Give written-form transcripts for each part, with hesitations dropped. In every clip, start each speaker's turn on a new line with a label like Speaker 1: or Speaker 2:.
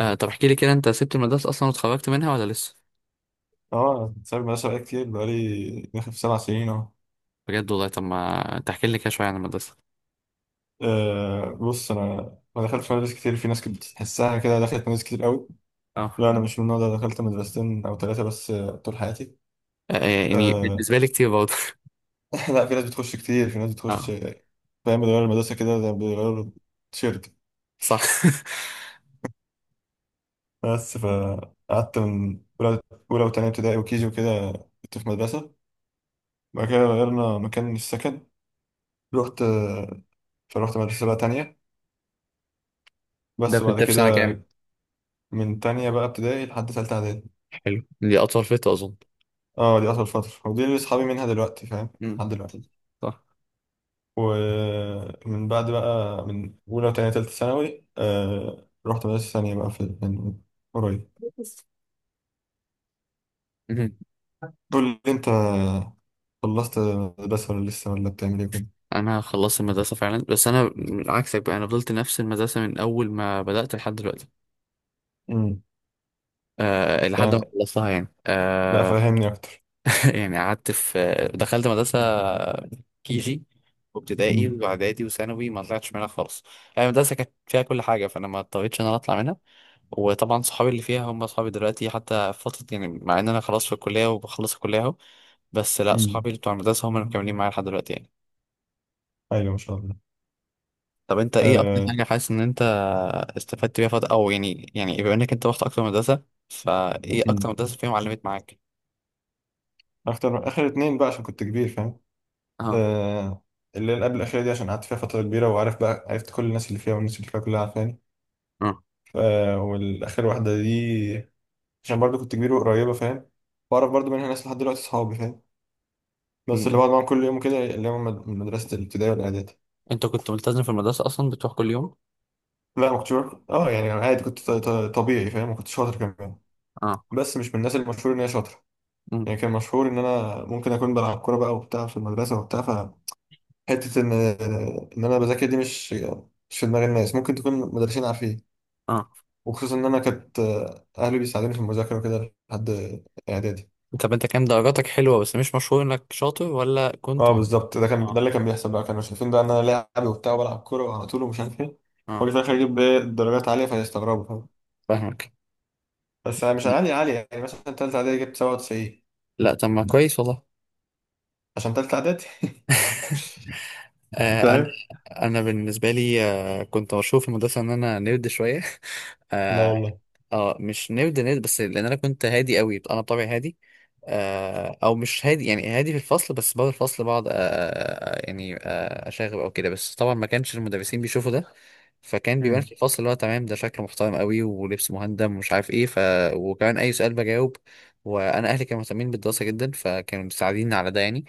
Speaker 1: طب احكي لي كده، انت سبت المدرسة اصلا واتخرجت منها ولا لسه؟
Speaker 2: اه، سايب المدرسة بقالي كتير، بقالي داخل في سبع سنين اهو.
Speaker 1: بجد والله. طب ما تحكي لي كده شوية عن المدرسة.
Speaker 2: بص انا ما دخلتش مدارس كتير. في ناس كنت بتحسها كده، دخلت مدارس كتير قوي.
Speaker 1: اه.
Speaker 2: لا، انا مش من النوع ده، دخلت مدرستين او ثلاثة بس، طول حياتي.
Speaker 1: آه، يعني
Speaker 2: آه،
Speaker 1: بالنسبة لي كتير برضه.
Speaker 2: لا، في ناس بتخش كتير، في ناس بتخش
Speaker 1: اه.
Speaker 2: فاهم، بيغيروا المدرسة كده، ده بيغيروا التيشيرت.
Speaker 1: صح.
Speaker 2: بس فقعدت من أولى، أولى وتانية ابتدائي وكيجي وكده كنت في مدرسة. بعد كده غيرنا مكان السكن، رحت آه، فروحت مدرسة بقى تانية.
Speaker 1: ده
Speaker 2: بس وبعد
Speaker 1: كنت في سنة
Speaker 2: كده
Speaker 1: كام؟
Speaker 2: من تانية بقى ابتدائي لحد تالتة إعدادي.
Speaker 1: حلو، دي اطول فترة اظن.
Speaker 2: اه، دي أطول فترة ودي اللي صحابي منها دلوقتي، فاهم؟
Speaker 1: امم.
Speaker 2: لحد دلوقتي.
Speaker 1: صح.
Speaker 2: ومن بعد بقى من أولى وتانية تالتة ثانوي، رحت مدرسة ثانية بقى في من قريب.
Speaker 1: مهم.
Speaker 2: قول لي أنت، خلصت مدرسة ولا لسه، ولا بتعمل إيه كده؟
Speaker 1: انا خلصت المدرسه فعلا، بس انا من عكسك بقى، انا فضلت نفس المدرسه من اول ما بدات لحد دلوقتي.
Speaker 2: امم.
Speaker 1: أه لحد
Speaker 2: يعني
Speaker 1: ما خلصتها يعني
Speaker 2: لا،
Speaker 1: آه،
Speaker 2: فهمني أكتر.
Speaker 1: قعدت في دخلت مدرسة كيجي وابتدائي
Speaker 2: امم.
Speaker 1: واعدادي وثانوي، ما طلعتش منها خالص. يعني المدرسة كانت فيها كل حاجة، فانا ما اضطريتش ان انا اطلع منها. وطبعا صحابي اللي فيها هم صحابي دلوقتي، حتى في فترة يعني، مع ان انا خلاص في الكلية وبخلص الكلية اهو. بس لا،
Speaker 2: امم.
Speaker 1: صحابي اللي بتوع المدرسة هم اللي مكملين معايا لحد دلوقتي يعني.
Speaker 2: أيوة ما شاء الله.
Speaker 1: طب انت ايه اكتر
Speaker 2: آه.
Speaker 1: حاجة حاسس ان انت استفدت بيها فترة، او يعني بما انك انت رحت اكتر مدرسة، فايه اكتر
Speaker 2: امم.
Speaker 1: مدرسة فيهم علمت معاك؟
Speaker 2: أكتر آخر اتنين بقى عشان كنت كبير، فاهم؟
Speaker 1: اه.
Speaker 2: آه الليلة قبل الأخيرة دي عشان قعدت فيها فترة كبيرة وعارف بقى، عرفت كل الناس اللي فيها والناس اللي فيها كلها عارفاني.
Speaker 1: اه.
Speaker 2: والاخر واحده دي عشان برضو كنت كبير وقريبه، فاهم؟ واعرف برضو منها ناس لحد دلوقتي صحابي، فاهم؟ بس
Speaker 1: م.
Speaker 2: اللي بقعد معاهم كل يوم كده اللي هم من مدرسه الابتدائي والاعدادي.
Speaker 1: انت كنت ملتزم في المدرسة اصلا، بتروح كل يوم؟
Speaker 2: لا، ما كنتش يعني عادي، كنت طبيعي، فاهم؟ ما كنتش شاطر كمان.
Speaker 1: اه.
Speaker 2: بس مش من الناس المشهور ان هي شاطره.
Speaker 1: مم.
Speaker 2: يعني كان مشهور ان انا ممكن اكون بلعب كوره بقى وبتاع في المدرسه وبتاع فحته، ان ان انا بذاكر دي، مش في دماغ الناس، ممكن تكون مدرسين عارفين.
Speaker 1: اه،
Speaker 2: وخصوصا ان انا كانت اهلي بيساعدوني في المذاكره وكده لحد اعدادي.
Speaker 1: طب انت كان درجاتك حلوة بس مش مشهور انك شاطر، ولا كنت
Speaker 2: اه بالظبط، ده كان ده
Speaker 1: اه.
Speaker 2: اللي كان بيحصل بقى. كانوا شايفين بقى ان انا لاعب وبتاع وبلعب كوره على طول ومش عارف ايه، واجي في
Speaker 1: اه.
Speaker 2: الاخر اجيب ايه درجات عاليه فيستغربوا، فاهم؟
Speaker 1: فاهمك.
Speaker 2: بس أنا مش عاليه عاليه، يعني مثلا ثالثه اعدادي جبت 97
Speaker 1: لا، طب ما كويس والله.
Speaker 2: عشان ثالثه اعدادي،
Speaker 1: آه انا
Speaker 2: فاهم؟
Speaker 1: انا بالنسبة لي كنت مشهور في المدرسة ان انا نيرد شوية.
Speaker 2: لا
Speaker 1: اه.
Speaker 2: والله.
Speaker 1: مش نيرد نيرد، بس لان انا كنت هادي قوي، انا بطبعي هادي. او مش هادي، يعني هادي في الفصل بس بعد الفصل بقعد، يعني اشاغب او كده، بس طبعا ما كانش المدرسين بيشوفوا ده. فكان بيبان
Speaker 2: امم.
Speaker 1: في الفصل اللي هو تمام، ده شكله محترم قوي ولبس مهندم ومش عارف ايه، ف... وكمان اي سؤال بجاوب، وانا اهلي كانوا مهتمين بالدراسه جدا فكانوا مساعديني على ده يعني.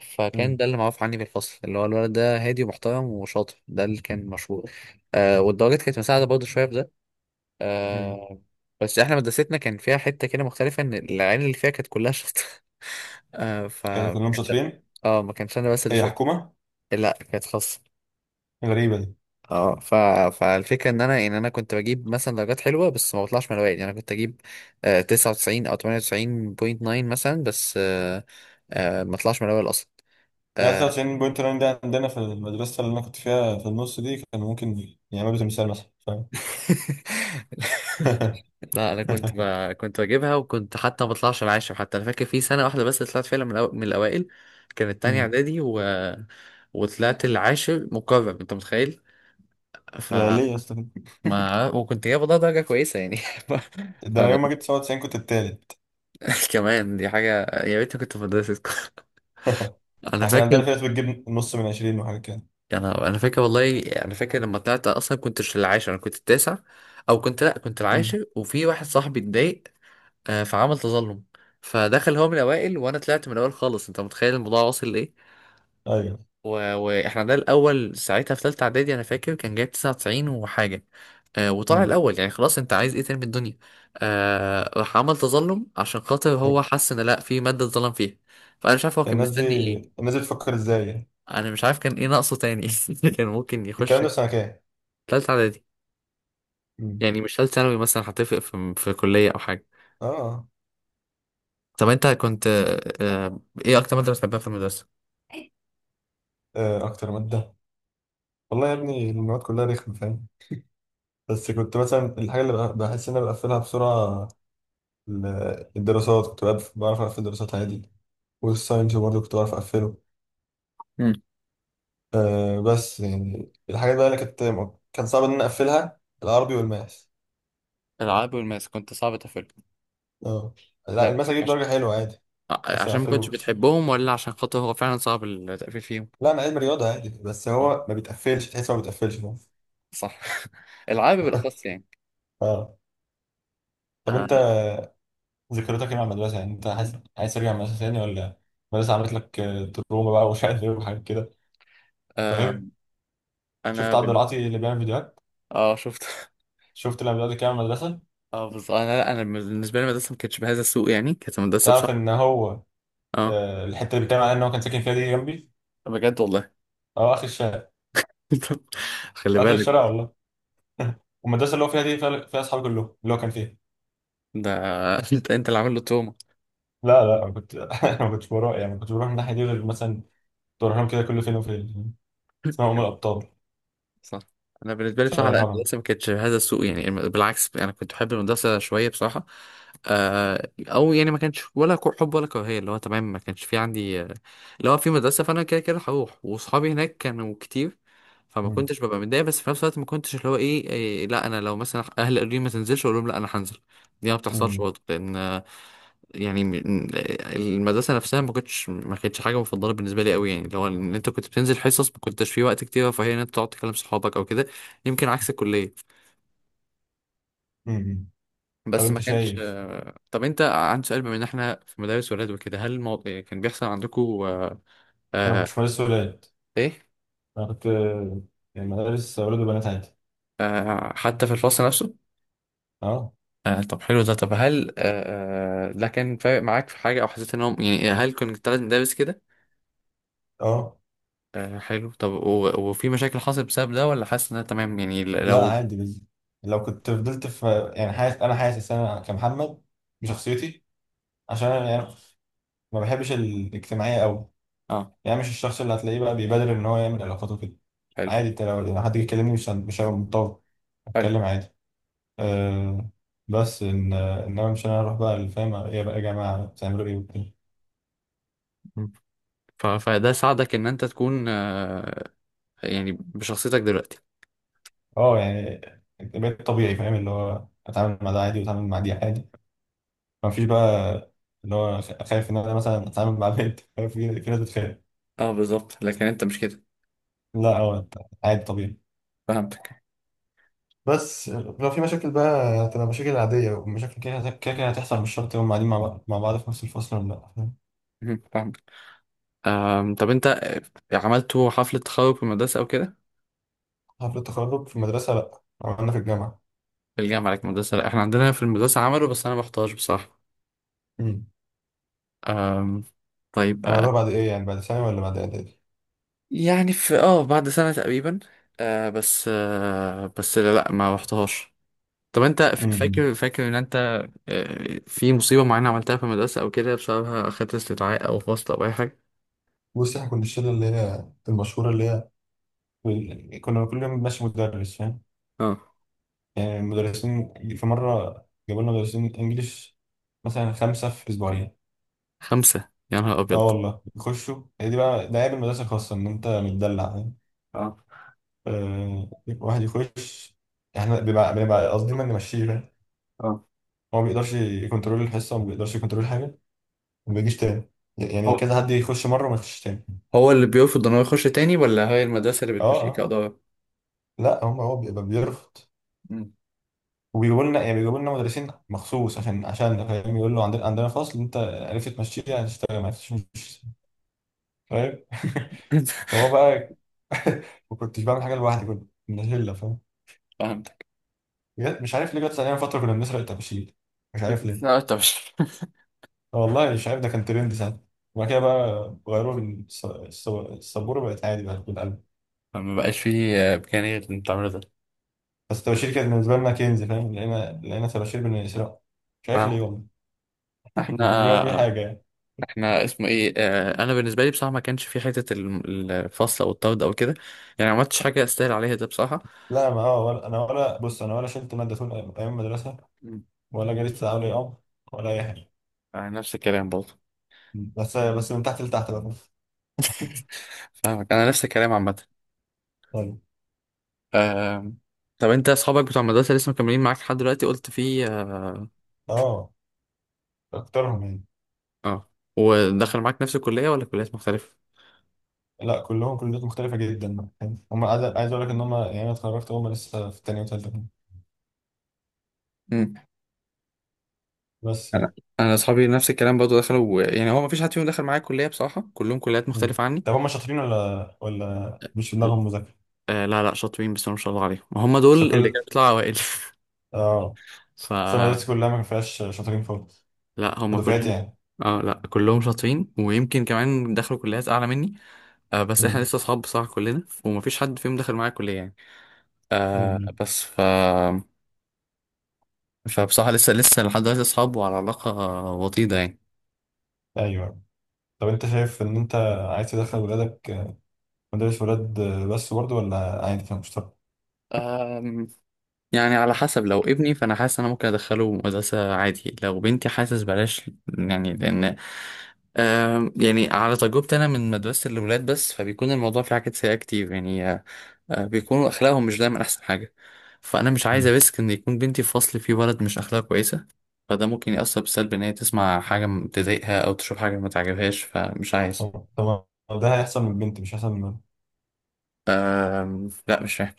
Speaker 1: فكان
Speaker 2: امم.
Speaker 1: ده اللي معروف عني في الفصل، اللي هو الولد ده هادي ومحترم وشاطر، ده اللي كان مشهور. والدرجات كانت مساعده برضه شويه في ده.
Speaker 2: امم.
Speaker 1: آه بس احنا مدرستنا كان فيها حتة كده مختلفة، ان العيال اللي فيها كانت كلها شاطرة. آه ف
Speaker 2: كانوا
Speaker 1: ما
Speaker 2: كلهم
Speaker 1: كانش.
Speaker 2: شاطرين.
Speaker 1: اه، ما كانش انا بس اللي
Speaker 2: هي
Speaker 1: شاطر.
Speaker 2: حكومه؟
Speaker 1: لا، كانت خاصة.
Speaker 2: غريبه دي.
Speaker 1: اه ف... فالفكرة ان انا كنت بجيب مثلا درجات حلوة، بس ما بطلعش من الاوائل، يعني انا كنت اجيب 99 او 98.9 مثلا، بس آه ما اطلعش من الاوائل اصلا.
Speaker 2: يعني
Speaker 1: آه
Speaker 2: 99.9 ده عندنا في المدرسه اللي انا كنت فيها في النص دي، كانوا ممكن يعملوا تمثال مثلا، فاهم؟
Speaker 1: لا، انا كنت بجيبها، وكنت حتى ما بطلعش العاشر. حتى انا فاكر في سنه واحده بس طلعت فعلا من، من الاوائل، كانت تانية
Speaker 2: امم.
Speaker 1: اعدادي وطلعت العاشر مكرم، انت متخيل؟ ف
Speaker 2: ده ليه يا اسطى كده؟
Speaker 1: ما وكنت جايب والله درجه كويسه يعني. ف...
Speaker 2: ده انا
Speaker 1: فما...
Speaker 2: يوم ما جبت 97 كنت التالت.
Speaker 1: كمان دي حاجه. يا ريتني كنت في مدرسه.
Speaker 2: احنا
Speaker 1: انا
Speaker 2: كان
Speaker 1: فاكر.
Speaker 2: عندنا في ناس بتجيب نص من عشرين وحاجة كده.
Speaker 1: انا فاكر والله، انا فاكر لما طلعت اصلا كنتش العاشر، انا كنت التاسع، او كنت لا كنت
Speaker 2: مم.
Speaker 1: العاشر، وفي واحد صاحبي اتضايق، فعمل تظلم، فدخل هو من الاوائل وانا طلعت من الاول خالص. انت متخيل الموضوع واصل لايه؟
Speaker 2: ايوه.
Speaker 1: و... واحنا ده الاول ساعتها في ثالثه اعدادي، انا فاكر كان جايب 99 وحاجه وطلع
Speaker 2: مم.
Speaker 1: الاول. يعني خلاص انت عايز ايه تاني من الدنيا؟ راح عمل تظلم عشان خاطر هو حس ان لا، في ماده اتظلم فيها. فانا مش عارف هو كان
Speaker 2: الناس دي
Speaker 1: مستني ايه.
Speaker 2: الناس دي بتفكر ازاي يعني؟
Speaker 1: انا مش عارف كان ايه ناقصه تاني. كان ممكن
Speaker 2: الكلام
Speaker 1: يخش
Speaker 2: ده في سنة كام؟
Speaker 1: ثالثه اعدادي،
Speaker 2: مم.
Speaker 1: يعني مش ثالث ثانوي مثلا هتفرق في كليه او حاجه.
Speaker 2: اه.
Speaker 1: طب انت كنت آه، ايه اكتر ماده بتحبها في المدرسه؟
Speaker 2: اكتر مادة، والله يا ابني المواد كلها رخمة، فاهم؟ بس كنت مثلا الحاجة اللي بحس ان انا بقفلها بسرعة. الدراسات كنت بعرف اقفل الدراسات عادي. والساينس برضه كنت بعرف اقفله. بس يعني الحاجات بقى اللي كانت، كان صعب ان انا اقفلها، العربي والماس.
Speaker 1: العاب والماس كنت صعب تقفل؟
Speaker 2: اه، لا
Speaker 1: لا،
Speaker 2: الماس اجيب
Speaker 1: عشان
Speaker 2: درجة حلوة عادي بس ما
Speaker 1: ما كنتش
Speaker 2: اقفلوش.
Speaker 1: بتحبهم، ولا عشان خاطر هو فعلا صعب التقفيل فيهم؟
Speaker 2: لا انا علم رياضه عادي، بس
Speaker 1: اه.
Speaker 2: هو ما بيتقفلش، تحس ما بيتقفلش، فاهم؟
Speaker 1: صح. العاب بالاخص يعني.
Speaker 2: اه. طب
Speaker 1: آه
Speaker 2: انت ذكرياتك ايه مع المدرسه؟ يعني انت عايز ترجع المدرسه تاني، ولا المدرسه عملت لك تروما بقى ومش عارف ايه وحاجات كده،
Speaker 1: آه
Speaker 2: فاهم؟
Speaker 1: انا
Speaker 2: شفت عبد
Speaker 1: بال...
Speaker 2: العاطي اللي بيعمل فيديوهات؟
Speaker 1: اه، شفت.
Speaker 2: شفت لما بدات كده المدرسه؟
Speaker 1: اه، بس انا لا انا بالنسبه لي المدرسه ما كانتش بهذا السوء، يعني كانت مدرسه بصح.
Speaker 2: تعرف ان هو
Speaker 1: اه،
Speaker 2: الحته اللي بيتكلم عليها ان هو كان ساكن فيها دي جنبي.
Speaker 1: بجد والله.
Speaker 2: اه، اخر الشارع.
Speaker 1: خلي
Speaker 2: اخر
Speaker 1: بالك.
Speaker 2: الشارع والله. والمدرسه اللي هو فيها دي، فيها اصحابي كلهم اللي هو كان فيها.
Speaker 1: ده انت اللي عامل له توما.
Speaker 2: لا لا، انا كنت انا ما كنتش بروح، يعني ما كنتش بروح من الناحيه دي غير مثلا كنت بروح لهم كده كل فين وفين. اسمها ام الابطال.
Speaker 1: صح. انا بالنسبه لي
Speaker 2: شارع
Speaker 1: بصراحه لا،
Speaker 2: الهرم.
Speaker 1: المدرسه ما كانتش هذا السوء، يعني بالعكس انا كنت بحب المدرسه شويه بصراحه. او يعني، ما كانش ولا حب ولا كراهيه، اللي هو تمام ما كانش في عندي اللي هو في مدرسه، فانا كده كده هروح واصحابي هناك كانوا كتير، فما
Speaker 2: مم.
Speaker 1: كنتش ببقى متضايق، بس في نفس الوقت ما كنتش اللي هو ايه, إيه لا، انا لو مثلا اهلي قالوا لي ما تنزلش اقول لهم لا، انا هنزل. دي ما بتحصلش
Speaker 2: مم.
Speaker 1: برضه لان يعني المدرسة نفسها ما كانتش حاجة مفضلة بالنسبة لي قوي. يعني لو ان انت كنت بتنزل حصص ما كنتش في وقت كتير، فهي ان انت تقعد تكلم صحابك او كده، يمكن عكس الكلية،
Speaker 2: مم. طب
Speaker 1: بس ما
Speaker 2: انت
Speaker 1: كانش
Speaker 2: شايف،
Speaker 1: طب انت عندي سؤال، بما ان احنا في مدارس ولاد وكده، هل كان بيحصل عندكم
Speaker 2: انا ما
Speaker 1: آه...
Speaker 2: كنتش مدرسة ولاد.
Speaker 1: ايه
Speaker 2: انا كنت يعني مدارس ولاد وبنات عادي.
Speaker 1: حتى في الفصل نفسه؟
Speaker 2: اه.
Speaker 1: طب حلو ده. طب هل ده كان فارق معاك في حاجة، او حسيت انهم يعني هل كنت ثلاث مدارس كده؟
Speaker 2: اه،
Speaker 1: حلو. طب وفي مشاكل حصلت بسبب ده، ولا حاسس انها تمام؟ يعني
Speaker 2: لا
Speaker 1: لو.
Speaker 2: عادي لو كنت فضلت في، يعني حاسس انا كمحمد بشخصيتي. عشان انا يعني ما بحبش الاجتماعية قوي،
Speaker 1: اه.
Speaker 2: يعني مش الشخص اللي هتلاقيه بقى بيبادر ان هو يعمل علاقات وكده.
Speaker 1: حلو
Speaker 2: عادي انت، لو حد جه يكلمني، مش مش هبقى متطور،
Speaker 1: حلو.
Speaker 2: اتكلم عادي. أه بس ان انما مش انا اروح بقى اللي فاهم ايه بقى يا جماعه، بتعملوا ايه وكده.
Speaker 1: فده ساعدك ان انت تكون يعني بشخصيتك دلوقتي.
Speaker 2: اه يعني بقيت طبيعي، فاهم؟ اللي هو اتعامل مع ده عادي واتعامل مع دي عادي، ما فيش بقى اللي هو خايف ان انا مثلا اتعامل مع بنت. خايف، في ناس بتخاف.
Speaker 1: اه، بالظبط. لكن انت مش كده.
Speaker 2: لا، هو عادي طبيعي.
Speaker 1: فهمتك.
Speaker 2: بس لو في مشاكل بقى، هتبقى مشاكل عادية، ومشاكل كده كده كده هتحصل، مش شرط يوم قاعدين مع بعض في نفس الفصل ولا لا، فاهم؟
Speaker 1: مهم. فهمتك. طب انت عملتوا حفلة تخرج في المدرسة او كده؟
Speaker 2: حفلة التخرج في المدرسة لا، عملنا في الجامعة.
Speaker 1: في الجامعة لك مدرسة؟ لا، احنا عندنا في المدرسة عملوا بس انا ما رحتهاش بصراحة.
Speaker 2: امم.
Speaker 1: أم، طيب
Speaker 2: عملوها بعد ايه، يعني بعد ثانوي ولا بعد اعدادي؟
Speaker 1: يعني في، بعد سنة تقريبا. بس بس لا، لا، ما رحتهاش. طب انت ف-
Speaker 2: امم.
Speaker 1: فاكر فاكر ان انت في مصيبة معينة عملتها في المدرسة او كده بسببها اخدت استدعاء او فصل او اي حاجة؟
Speaker 2: بص احنا كنا الشلة اللي هي المشهورة، اللي هي كنا كل يوم ماشي مدرس، فاهم؟
Speaker 1: اه.
Speaker 2: يعني مدرسين، في مرة جابوا لنا مدرسين انجليش، مثلا خمسة في اسبوعين.
Speaker 1: خمسة، يا نهار
Speaker 2: اه
Speaker 1: أبيض!
Speaker 2: والله يخشوا، هي دي بقى ده عيب المدرسة الخاصة ان انت متدلع، فاهم؟
Speaker 1: اه.
Speaker 2: آه، واحد يخش، احنا بنبقى قصدنا نمشيه، فاهم؟
Speaker 1: اه.
Speaker 2: هو ما بيقدرش يكنترول الحصة وما بيقدرش يكنترول حاجة وما بيجيش تاني. يعني
Speaker 1: هو
Speaker 2: كذا حد يخش مرة وما يخشش تاني.
Speaker 1: هو اللي بيرفض ان هو يخش تاني، ولا هي المدرسة اللي
Speaker 2: اه
Speaker 1: بتمشيك
Speaker 2: اه،
Speaker 1: كإدارة؟
Speaker 2: لا هو بيبقى بيرفض،
Speaker 1: مم.
Speaker 2: وبيجيبوا لنا، يعني بيجيبوا لنا مدرسين مخصوص عشان فاهم يقول له، عندنا فصل انت عرفت تمشيه، هتشتغل، ما عرفتش، مش فاهم، هو بقى. ما كنتش بعمل حاجه لوحدي، كنت من الهله، فاهم؟
Speaker 1: فهمتك.
Speaker 2: مش عارف ليه جت ثانيه فتره كنا بنسرق الطباشير، مش عارف ليه.
Speaker 1: بتسمع طب.
Speaker 2: والله مش عارف، ده كان ترند ساعتها. وبعد كده بقى غيروا السبوره، بقت عادي، بقت بالقلب.
Speaker 1: ما بقاش فيه إمكانية غير إن تعمله ده.
Speaker 2: بس الطباشير كانت بالنسبه لنا كنز، فاهم؟ لقينا طباشير بنسرقه، مش عارف
Speaker 1: فاهم.
Speaker 2: ليه والله. ما كنتش بعمل بيه
Speaker 1: احنا
Speaker 2: حاجه يعني.
Speaker 1: احنا اسمه ايه، انا بالنسبه لي بصراحه ما كانش في حته الفصل او الطرد او كده، يعني ما عملتش حاجه استاهل عليها ده بصراحه.
Speaker 2: لا ما هو، ولا انا ولا، بص انا ولا شلت ماده طول أيام المدرسه،
Speaker 1: مم.
Speaker 2: ولا جريت ساعه ولا يوم، ولا اي حاجه،
Speaker 1: نفس الكلام برضه.
Speaker 2: بس من تحت لتحت بقى.
Speaker 1: فاهمك، انا نفس الكلام عامه.
Speaker 2: طيب.
Speaker 1: آم، طب انت اصحابك بتوع المدرسه لسه مكملين معاك لحد دلوقتي، قلت؟ في؟
Speaker 2: اه، اكترهم يعني.
Speaker 1: اه. ودخل معاك نفس الكلية ولا كليات مختلفة؟
Speaker 2: لا كلهم كليات مختلفة جدا، فاهم؟ هم، عايز اقول لك ان هم يعني انا اتخرجت، هم لسه في تانية وتالتة كمان.
Speaker 1: مم.
Speaker 2: بس يعني.
Speaker 1: انا، انا اصحابي نفس الكلام برضه دخلوا، يعني هو ما فيش حد فيهم دخل معايا كليه بصراحه، كلهم كليات
Speaker 2: مم.
Speaker 1: مختلفه عني.
Speaker 2: طب هم شاطرين، ولا مش في دماغهم مذاكرة؟
Speaker 1: لا لا، شاطرين بس ما شاء الله عليهم، هم دول
Speaker 2: بس
Speaker 1: اللي
Speaker 2: كل
Speaker 1: كانوا بيطلعوا اوائل.
Speaker 2: اه
Speaker 1: ف.
Speaker 2: بس أنا مدرستي كلها ما فيهاش شاطرين خالص،
Speaker 1: لا، هم
Speaker 2: بدفعتي
Speaker 1: كلهم.
Speaker 2: يعني.
Speaker 1: اه لا، كلهم شاطرين، ويمكن كمان دخلوا كليات اعلى مني. بس احنا
Speaker 2: مم.
Speaker 1: لسه اصحاب بصراحه كلنا، ومفيش حد فيهم دخل معايا كليه يعني. آه
Speaker 2: مم.
Speaker 1: بس ف فبصراحه لسه لحد دلوقتي اصحاب وعلى علاقه وطيده.
Speaker 2: ايوه. طب انت شايف، ان انت عايز تدخل ولادك مدارس ولاد بس برضه، ولا عادي كان مشترك؟
Speaker 1: يعني على حسب، لو ابني فانا حاسس انا ممكن ادخله مدرسه عادي، لو بنتي حاسس بلاش. يعني لان يعني على تجربتي انا من مدرسه الاولاد بس، فبيكون الموضوع فيه حاجات سيئه كتير يعني. بيكونوا اخلاقهم مش دايما احسن حاجه، فانا مش عايز
Speaker 2: مم.
Speaker 1: اريسك ان يكون بنتي في فصل فيه ولد مش اخلاقه كويسه، فده ممكن يأثر بالسلب ان هي تسمع حاجه تضايقها او تشوف حاجه ما تعجبهاش فمش عايز.
Speaker 2: طب طب ده هيحصل من البنت مش هيحصل.
Speaker 1: لا، مش فاهم.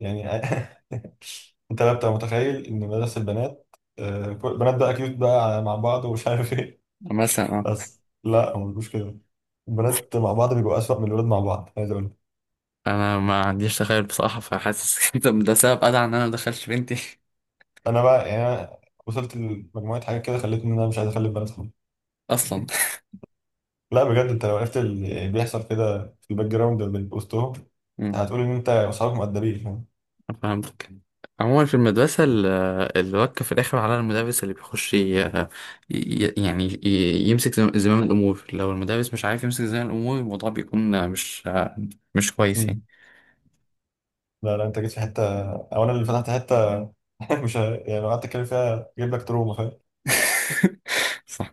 Speaker 2: يعني انت بقى بتبقى متخيل ان مدرسة البنات البنات بقى كيوت بقى مع بعض ومش عارف ايه.
Speaker 1: مثلا اه
Speaker 2: بس لا هو مش كده. البنات مع بعض بيبقوا اسوأ من الولاد مع بعض، عايز اقول لك.
Speaker 1: انا ما عنديش تخيل بصراحه، فحاسس كده، ده سبب ادعى ان انا ما ادخلش بنتي
Speaker 2: انا بقى يعني، انا وصلت لمجموعة حاجات كده خلتني ان انا مش عايز اخلي البنات خالص.
Speaker 1: اصلا.
Speaker 2: لا بجد انت لو عرفت اللي بيحصل كده في الباك جراوند من وسطهم،
Speaker 1: مم.
Speaker 2: هتقول ان انت واصحابك مؤدبين، فاهم؟
Speaker 1: فهمتك. عموما في المدرسة الوكة في الآخر على المدرس اللي بيخش يعني يمسك زمام الأمور. لو المدرس مش عارف يمسك زمام الأمور، الموضوع بيكون مش كويس يعني.
Speaker 2: مم. لا لا، انت جيت في حتة، او انا اللي فتحت حتة. مش ه- يعني لو قعدت اتكلم فيها جايب لك تروما، فاهم؟
Speaker 1: صح.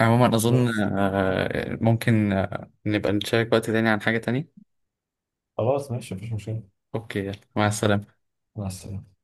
Speaker 1: عموما أظن
Speaker 2: بس
Speaker 1: ممكن نبقى نشارك وقت تاني عن حاجة تانية.
Speaker 2: خلاص ماشي، مفيش مشكلة.
Speaker 1: أوكي، يلا مع السلامة.
Speaker 2: مع السلامة.